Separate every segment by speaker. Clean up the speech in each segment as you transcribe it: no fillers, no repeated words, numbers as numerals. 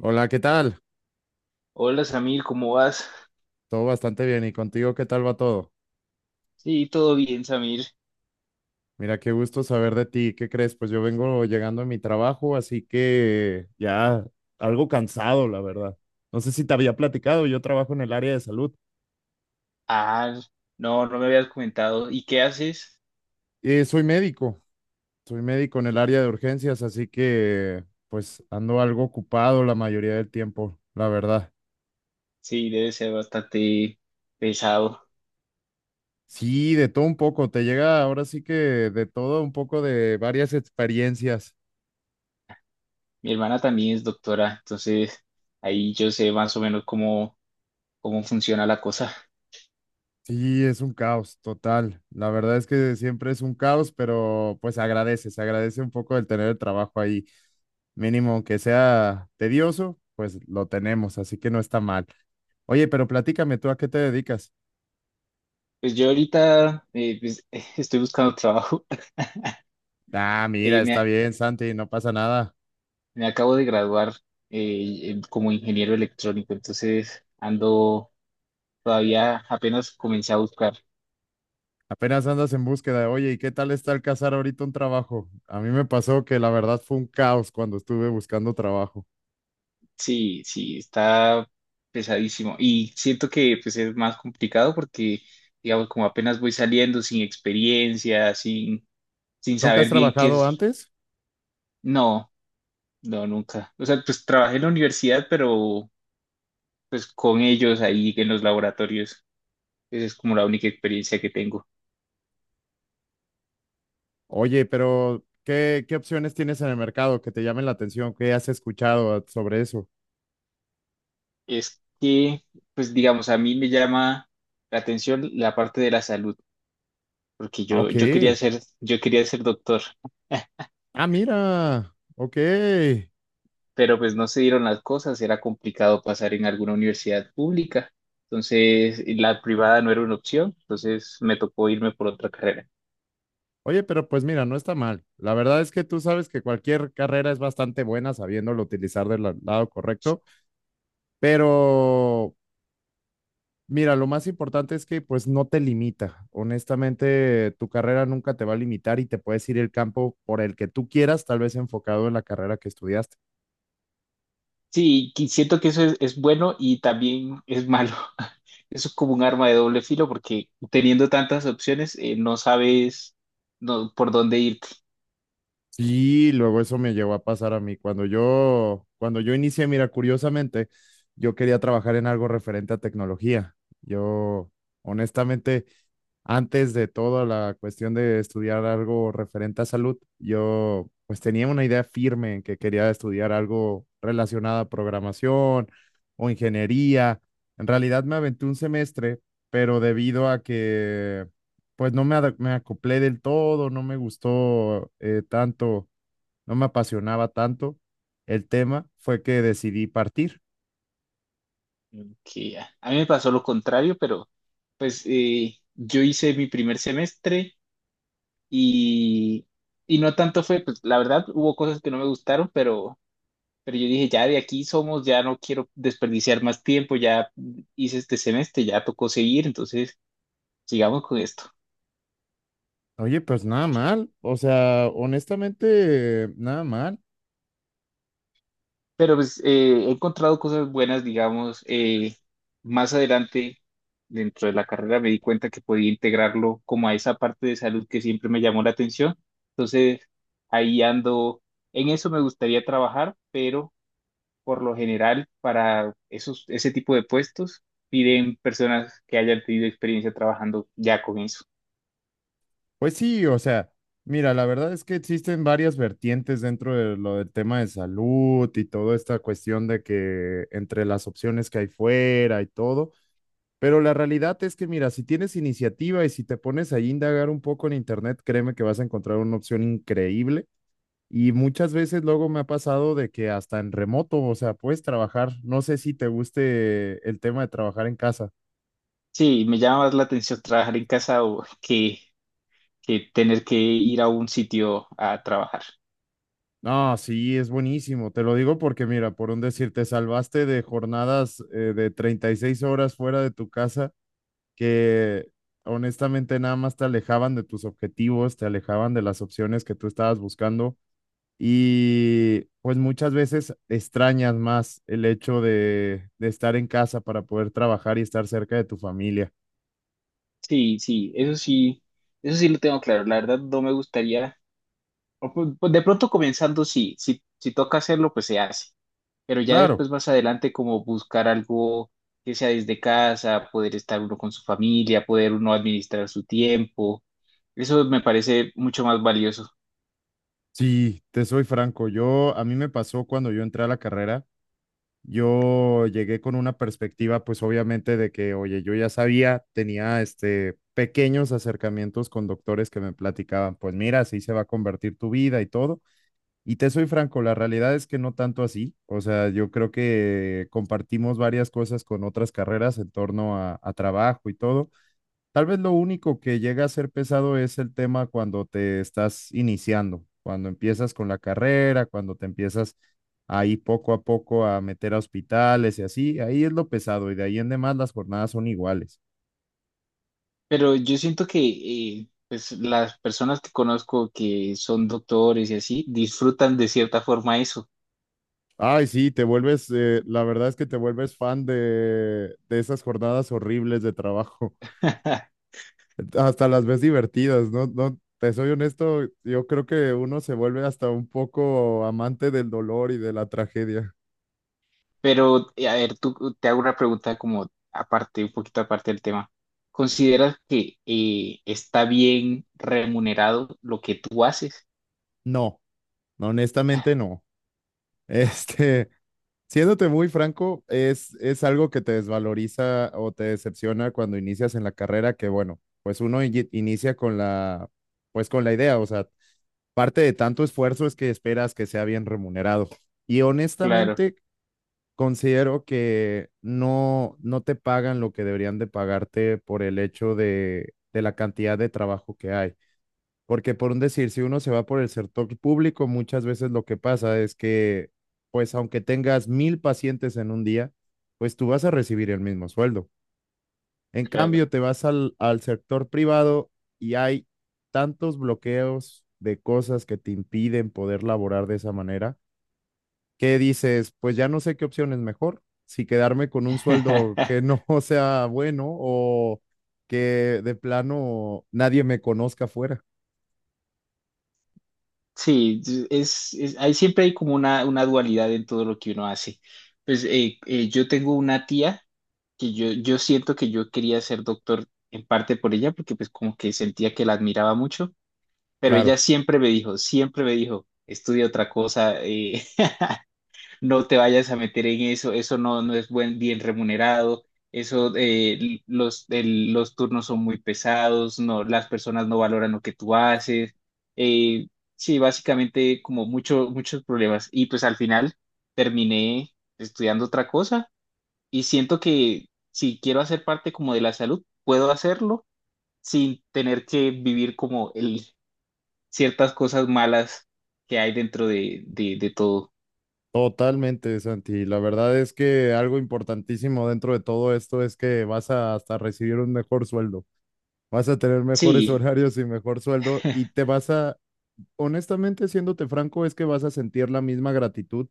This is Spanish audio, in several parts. Speaker 1: Hola, ¿qué tal?
Speaker 2: Hola Samir, ¿cómo vas?
Speaker 1: Todo bastante bien. ¿Y contigo qué tal va todo?
Speaker 2: Sí, todo bien, Samir.
Speaker 1: Mira, qué gusto saber de ti. ¿Qué crees? Pues yo vengo llegando a mi trabajo, así que ya algo cansado, la verdad. No sé si te había platicado, yo trabajo en el área de salud.
Speaker 2: Ah, no, no me habías comentado. ¿Y qué haces?
Speaker 1: Soy médico, soy médico en el área de urgencias, así que pues ando algo ocupado la mayoría del tiempo, la verdad.
Speaker 2: Sí, debe ser bastante pesado.
Speaker 1: Sí, de todo un poco, te llega ahora sí que de todo un poco de varias experiencias.
Speaker 2: Mi hermana también es doctora, entonces ahí yo sé más o menos cómo, cómo funciona la cosa.
Speaker 1: Sí, es un caos total. La verdad es que siempre es un caos, pero pues agradece, se agradece un poco el tener el trabajo ahí. Mínimo que sea tedioso, pues lo tenemos, así que no está mal. Oye, pero platícame tú a qué te dedicas.
Speaker 2: Pues yo ahorita estoy buscando trabajo.
Speaker 1: Ah, mira,
Speaker 2: Eh,
Speaker 1: está
Speaker 2: me,
Speaker 1: bien, Santi, no pasa nada.
Speaker 2: me acabo de graduar en- como ingeniero electrónico, entonces ando todavía apenas comencé a buscar.
Speaker 1: Apenas andas en búsqueda. Oye, ¿y qué tal está el cazar ahorita un trabajo? A mí me pasó que la verdad fue un caos cuando estuve buscando trabajo.
Speaker 2: Sí, sí, está pesadísimo. Y siento que pues es más complicado porque, digamos, como apenas voy saliendo sin experiencia, sin
Speaker 1: ¿Nunca has
Speaker 2: saber bien qué
Speaker 1: trabajado
Speaker 2: es.
Speaker 1: antes?
Speaker 2: No, no, nunca. O sea, pues trabajé en la universidad, pero pues con ellos ahí en los laboratorios. Esa es como la única experiencia que tengo.
Speaker 1: Oye, pero ¿qué opciones tienes en el mercado que te llamen la atención? ¿Qué has escuchado sobre eso?
Speaker 2: Es que, pues digamos, a mí me llama la atención la parte de la salud, porque
Speaker 1: Ah, ok.
Speaker 2: yo quería ser doctor.
Speaker 1: Ah, mira. Ok.
Speaker 2: Pero pues no se dieron las cosas, era complicado pasar en alguna universidad pública, entonces la privada no era una opción, entonces me tocó irme por otra carrera.
Speaker 1: Oye, pero pues mira, no está mal. La verdad es que tú sabes que cualquier carrera es bastante buena sabiéndolo utilizar del lado correcto, pero mira, lo más importante es que pues no te limita. Honestamente, tu carrera nunca te va a limitar y te puedes ir el campo por el que tú quieras, tal vez enfocado en la carrera que estudiaste.
Speaker 2: Sí, qui- siento que eso es bueno y también es malo. Eso es como un arma de doble filo porque teniendo tantas opciones no sabes no- por dónde irte.
Speaker 1: Sí, luego eso me llegó a pasar a mí. Cuando yo inicié, mira, curiosamente, yo quería trabajar en algo referente a tecnología. Yo, honestamente, antes de toda la cuestión de estudiar algo referente a salud, yo pues tenía una idea firme en que quería estudiar algo relacionado a programación o ingeniería. En realidad me aventé un semestre, pero debido a que pues no me, ada- me acoplé del todo, no me gustó tanto, no me apasionaba tanto el tema, fue que decidí partir.
Speaker 2: Que ya. A mí me pasó lo contrario, pero pues yo hice mi primer semestre y, y no tanto fue, pues la verdad hubo cosas que no me gustaron, pero yo dije, ya de aquí somos, ya no quiero desperdiciar más tiempo, ya hice este semestre, ya tocó seguir, entonces sigamos con esto.
Speaker 1: Oye, pues nada mal, o sea, honestamente, nada mal.
Speaker 2: Pero pues he encontrado cosas buenas, digamos, más adelante dentro de la carrera me di cuenta que podía integrarlo como a esa parte de salud que siempre me llamó la atención. Entonces ahí ando, en eso me gustaría trabajar, pero por lo general para esos, ese tipo de puestos piden personas que hayan tenido experiencia trabajando ya con eso.
Speaker 1: Pues sí, o sea, mira, la verdad es que existen varias vertientes dentro de lo del tema de salud y toda esta cuestión de que entre las opciones que hay fuera y todo. Pero la realidad es que, mira, si tienes iniciativa y si te pones ahí a indagar un poco en internet, créeme que vas a encontrar una opción increíble. Y muchas veces luego me ha pasado de que hasta en remoto, o sea, puedes trabajar. No sé si te guste el tema de trabajar en casa.
Speaker 2: Sí, me llama más la atención trabajar en casa o que tener que ir a un sitio a trabajar.
Speaker 1: No, sí, es buenísimo. Te lo digo porque, mira, por un decir, te salvaste de jornadas de 36 horas fuera de tu casa que honestamente nada más te alejaban de tus objetivos, te alejaban de las opciones que tú estabas buscando. Y pues muchas veces extrañas más el hecho de estar en casa para poder trabajar y estar cerca de tu familia.
Speaker 2: Sí, sí, eso sí, eso sí lo tengo claro. La verdad no me gustaría, o pu- pues de pronto comenzando sí, si, toca hacerlo, pues se hace. Pero ya
Speaker 1: Claro,
Speaker 2: después más adelante como buscar algo que sea desde casa, poder estar uno con su familia, poder uno administrar su tiempo. Eso me parece mucho más valioso.
Speaker 1: sí, te soy franco, yo a mí me pasó cuando yo entré a la carrera, yo llegué con una perspectiva pues obviamente de que, oye, yo ya sabía, tenía este pequeños acercamientos con doctores que me platicaban, pues mira, así se va a convertir tu vida y todo. Y te soy franco, la realidad es que no tanto así. O sea, yo creo que compartimos varias cosas con otras carreras en torno a trabajo y todo. Tal vez lo único que llega a ser pesado es el tema cuando te estás iniciando, cuando empiezas con la carrera, cuando te empiezas ahí poco a poco a meter a hospitales y así. Ahí es lo pesado y de ahí en demás las jornadas son iguales.
Speaker 2: Pero yo siento que pues, las personas que conozco que son doctores y así disfrutan de cierta forma eso.
Speaker 1: Ay, sí, te vuelves, la verdad es que te vuelves fan de esas jornadas horribles de trabajo. Hasta las ves divertidas, ¿no? No, te soy honesto, yo creo que uno se vuelve hasta un poco amante del dolor y de la tragedia.
Speaker 2: Pero, a ver, tú te hago una pregunta como aparte, un poquito aparte del tema. ¿Consideras que está bien remunerado lo que tú haces?
Speaker 1: No, honestamente no. Este, siéndote muy franco, es algo que te desvaloriza o te decepciona cuando inicias en la carrera, que bueno, pues uno inicia con la, pues con la idea, o sea, parte de tanto esfuerzo es que esperas que sea bien remunerado. Y
Speaker 2: Claro,
Speaker 1: honestamente, considero que no, no te pagan lo que deberían de pagarte por el hecho de la cantidad de trabajo que hay. Porque por un decir, si uno se va por el sector público, muchas veces lo que pasa es que, pues aunque tengas mil pacientes en un día, pues tú vas a recibir el mismo sueldo. En
Speaker 2: claro.
Speaker 1: cambio, te vas al sector privado y hay tantos bloqueos de cosas que te impiden poder laborar de esa manera, que dices, pues ya no sé qué opción es mejor, si quedarme con un sueldo que no sea bueno o que de plano nadie me conozca afuera.
Speaker 2: Sí, es- hay, siempre hay como una dualidad en todo lo que uno hace. Pues yo tengo una tía. Que yo siento que yo quería ser doctor en parte por ella, porque pues como que sentía que la admiraba mucho, pero ella
Speaker 1: Claro,
Speaker 2: siempre me dijo, estudia otra cosa, no te vayas a meter en eso, eso no, no es buen, bien remunerado, eso, los, el- los turnos son muy pesados, no, las personas no valoran lo que tú haces, eh, sí, básicamente como mucho, muchos problemas, y pues al final terminé estudiando otra cosa y siento que si quiero hacer parte como de la salud, puedo hacerlo sin tener que vivir como el, ciertas cosas malas que hay dentro de todo.
Speaker 1: totalmente, Santi. La verdad es que algo importantísimo dentro de todo esto es que vas a hasta recibir un mejor sueldo, vas a tener mejores
Speaker 2: Sí,
Speaker 1: horarios y mejor sueldo y te vas a, honestamente, siéndote franco, es que vas a sentir la misma gratitud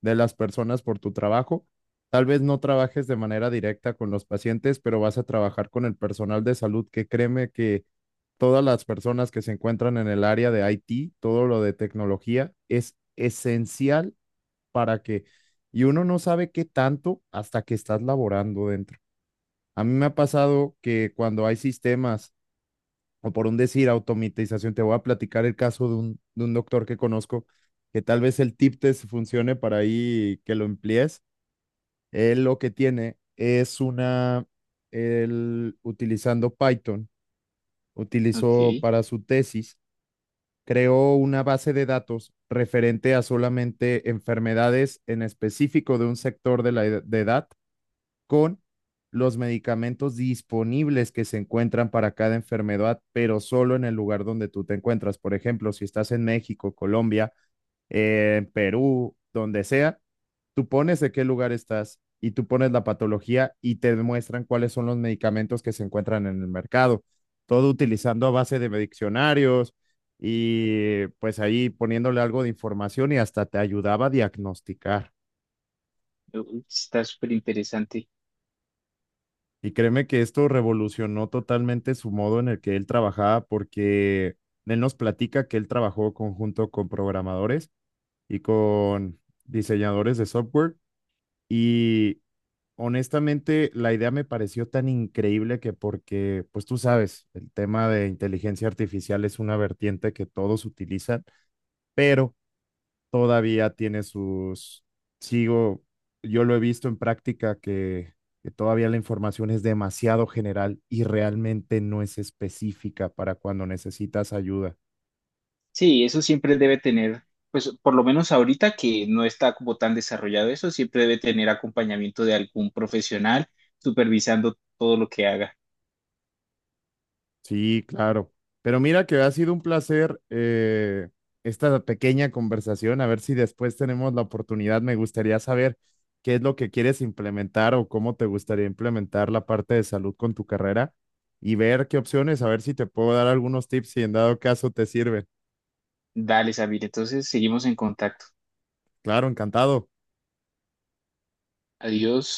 Speaker 1: de las personas por tu trabajo. Tal vez no trabajes de manera directa con los pacientes, pero vas a trabajar con el personal de salud, que créeme que todas las personas que se encuentran en el área de IT, todo lo de tecnología, es esencial para que, y uno no sabe qué tanto hasta que estás laborando dentro. A mí me ha pasado que cuando hay sistemas o por un decir, automatización. Te voy a platicar el caso de un doctor que conozco, que tal vez el tip test funcione para ahí que lo emplees. Él lo que tiene es una, él utilizando Python, utilizó
Speaker 2: ok.
Speaker 1: para su tesis, creó una base de datos referente a solamente enfermedades en específico de un sector de la de edad con los medicamentos disponibles que se encuentran para cada enfermedad, pero solo en el lugar donde tú te encuentras. Por ejemplo, si estás en México, Colombia, Perú, donde sea, tú pones de qué lugar estás y tú pones la patología y te demuestran cuáles son los medicamentos que se encuentran en el mercado. Todo utilizando a base de diccionarios y pues ahí poniéndole algo de información y hasta te ayudaba a diagnosticar.
Speaker 2: Uy, está súper interesante.
Speaker 1: Y créeme que esto revolucionó totalmente su modo en el que él trabajaba, porque él nos platica que él trabajó conjunto con programadores y con diseñadores de software. Y honestamente, la idea me pareció tan increíble que porque, pues tú sabes, el tema de inteligencia artificial es una vertiente que todos utilizan, pero todavía tiene sus, sigo, yo lo he visto en práctica que todavía la información es demasiado general y realmente no es específica para cuando necesitas ayuda.
Speaker 2: Sí, eso siempre debe tener, pues por lo menos ahorita que no está como tan desarrollado eso, siempre debe tener acompañamiento de algún profesional supervisando todo lo que haga.
Speaker 1: Sí, claro. Pero mira que ha sido un placer esta pequeña conversación. A ver si después tenemos la oportunidad. Me gustaría saber qué es lo que quieres implementar o cómo te gustaría implementar la parte de salud con tu carrera y ver qué opciones, a ver si te puedo dar algunos tips si en dado caso te sirven.
Speaker 2: Dale, Sabine, entonces seguimos en contacto.
Speaker 1: Claro, encantado.
Speaker 2: Adiós.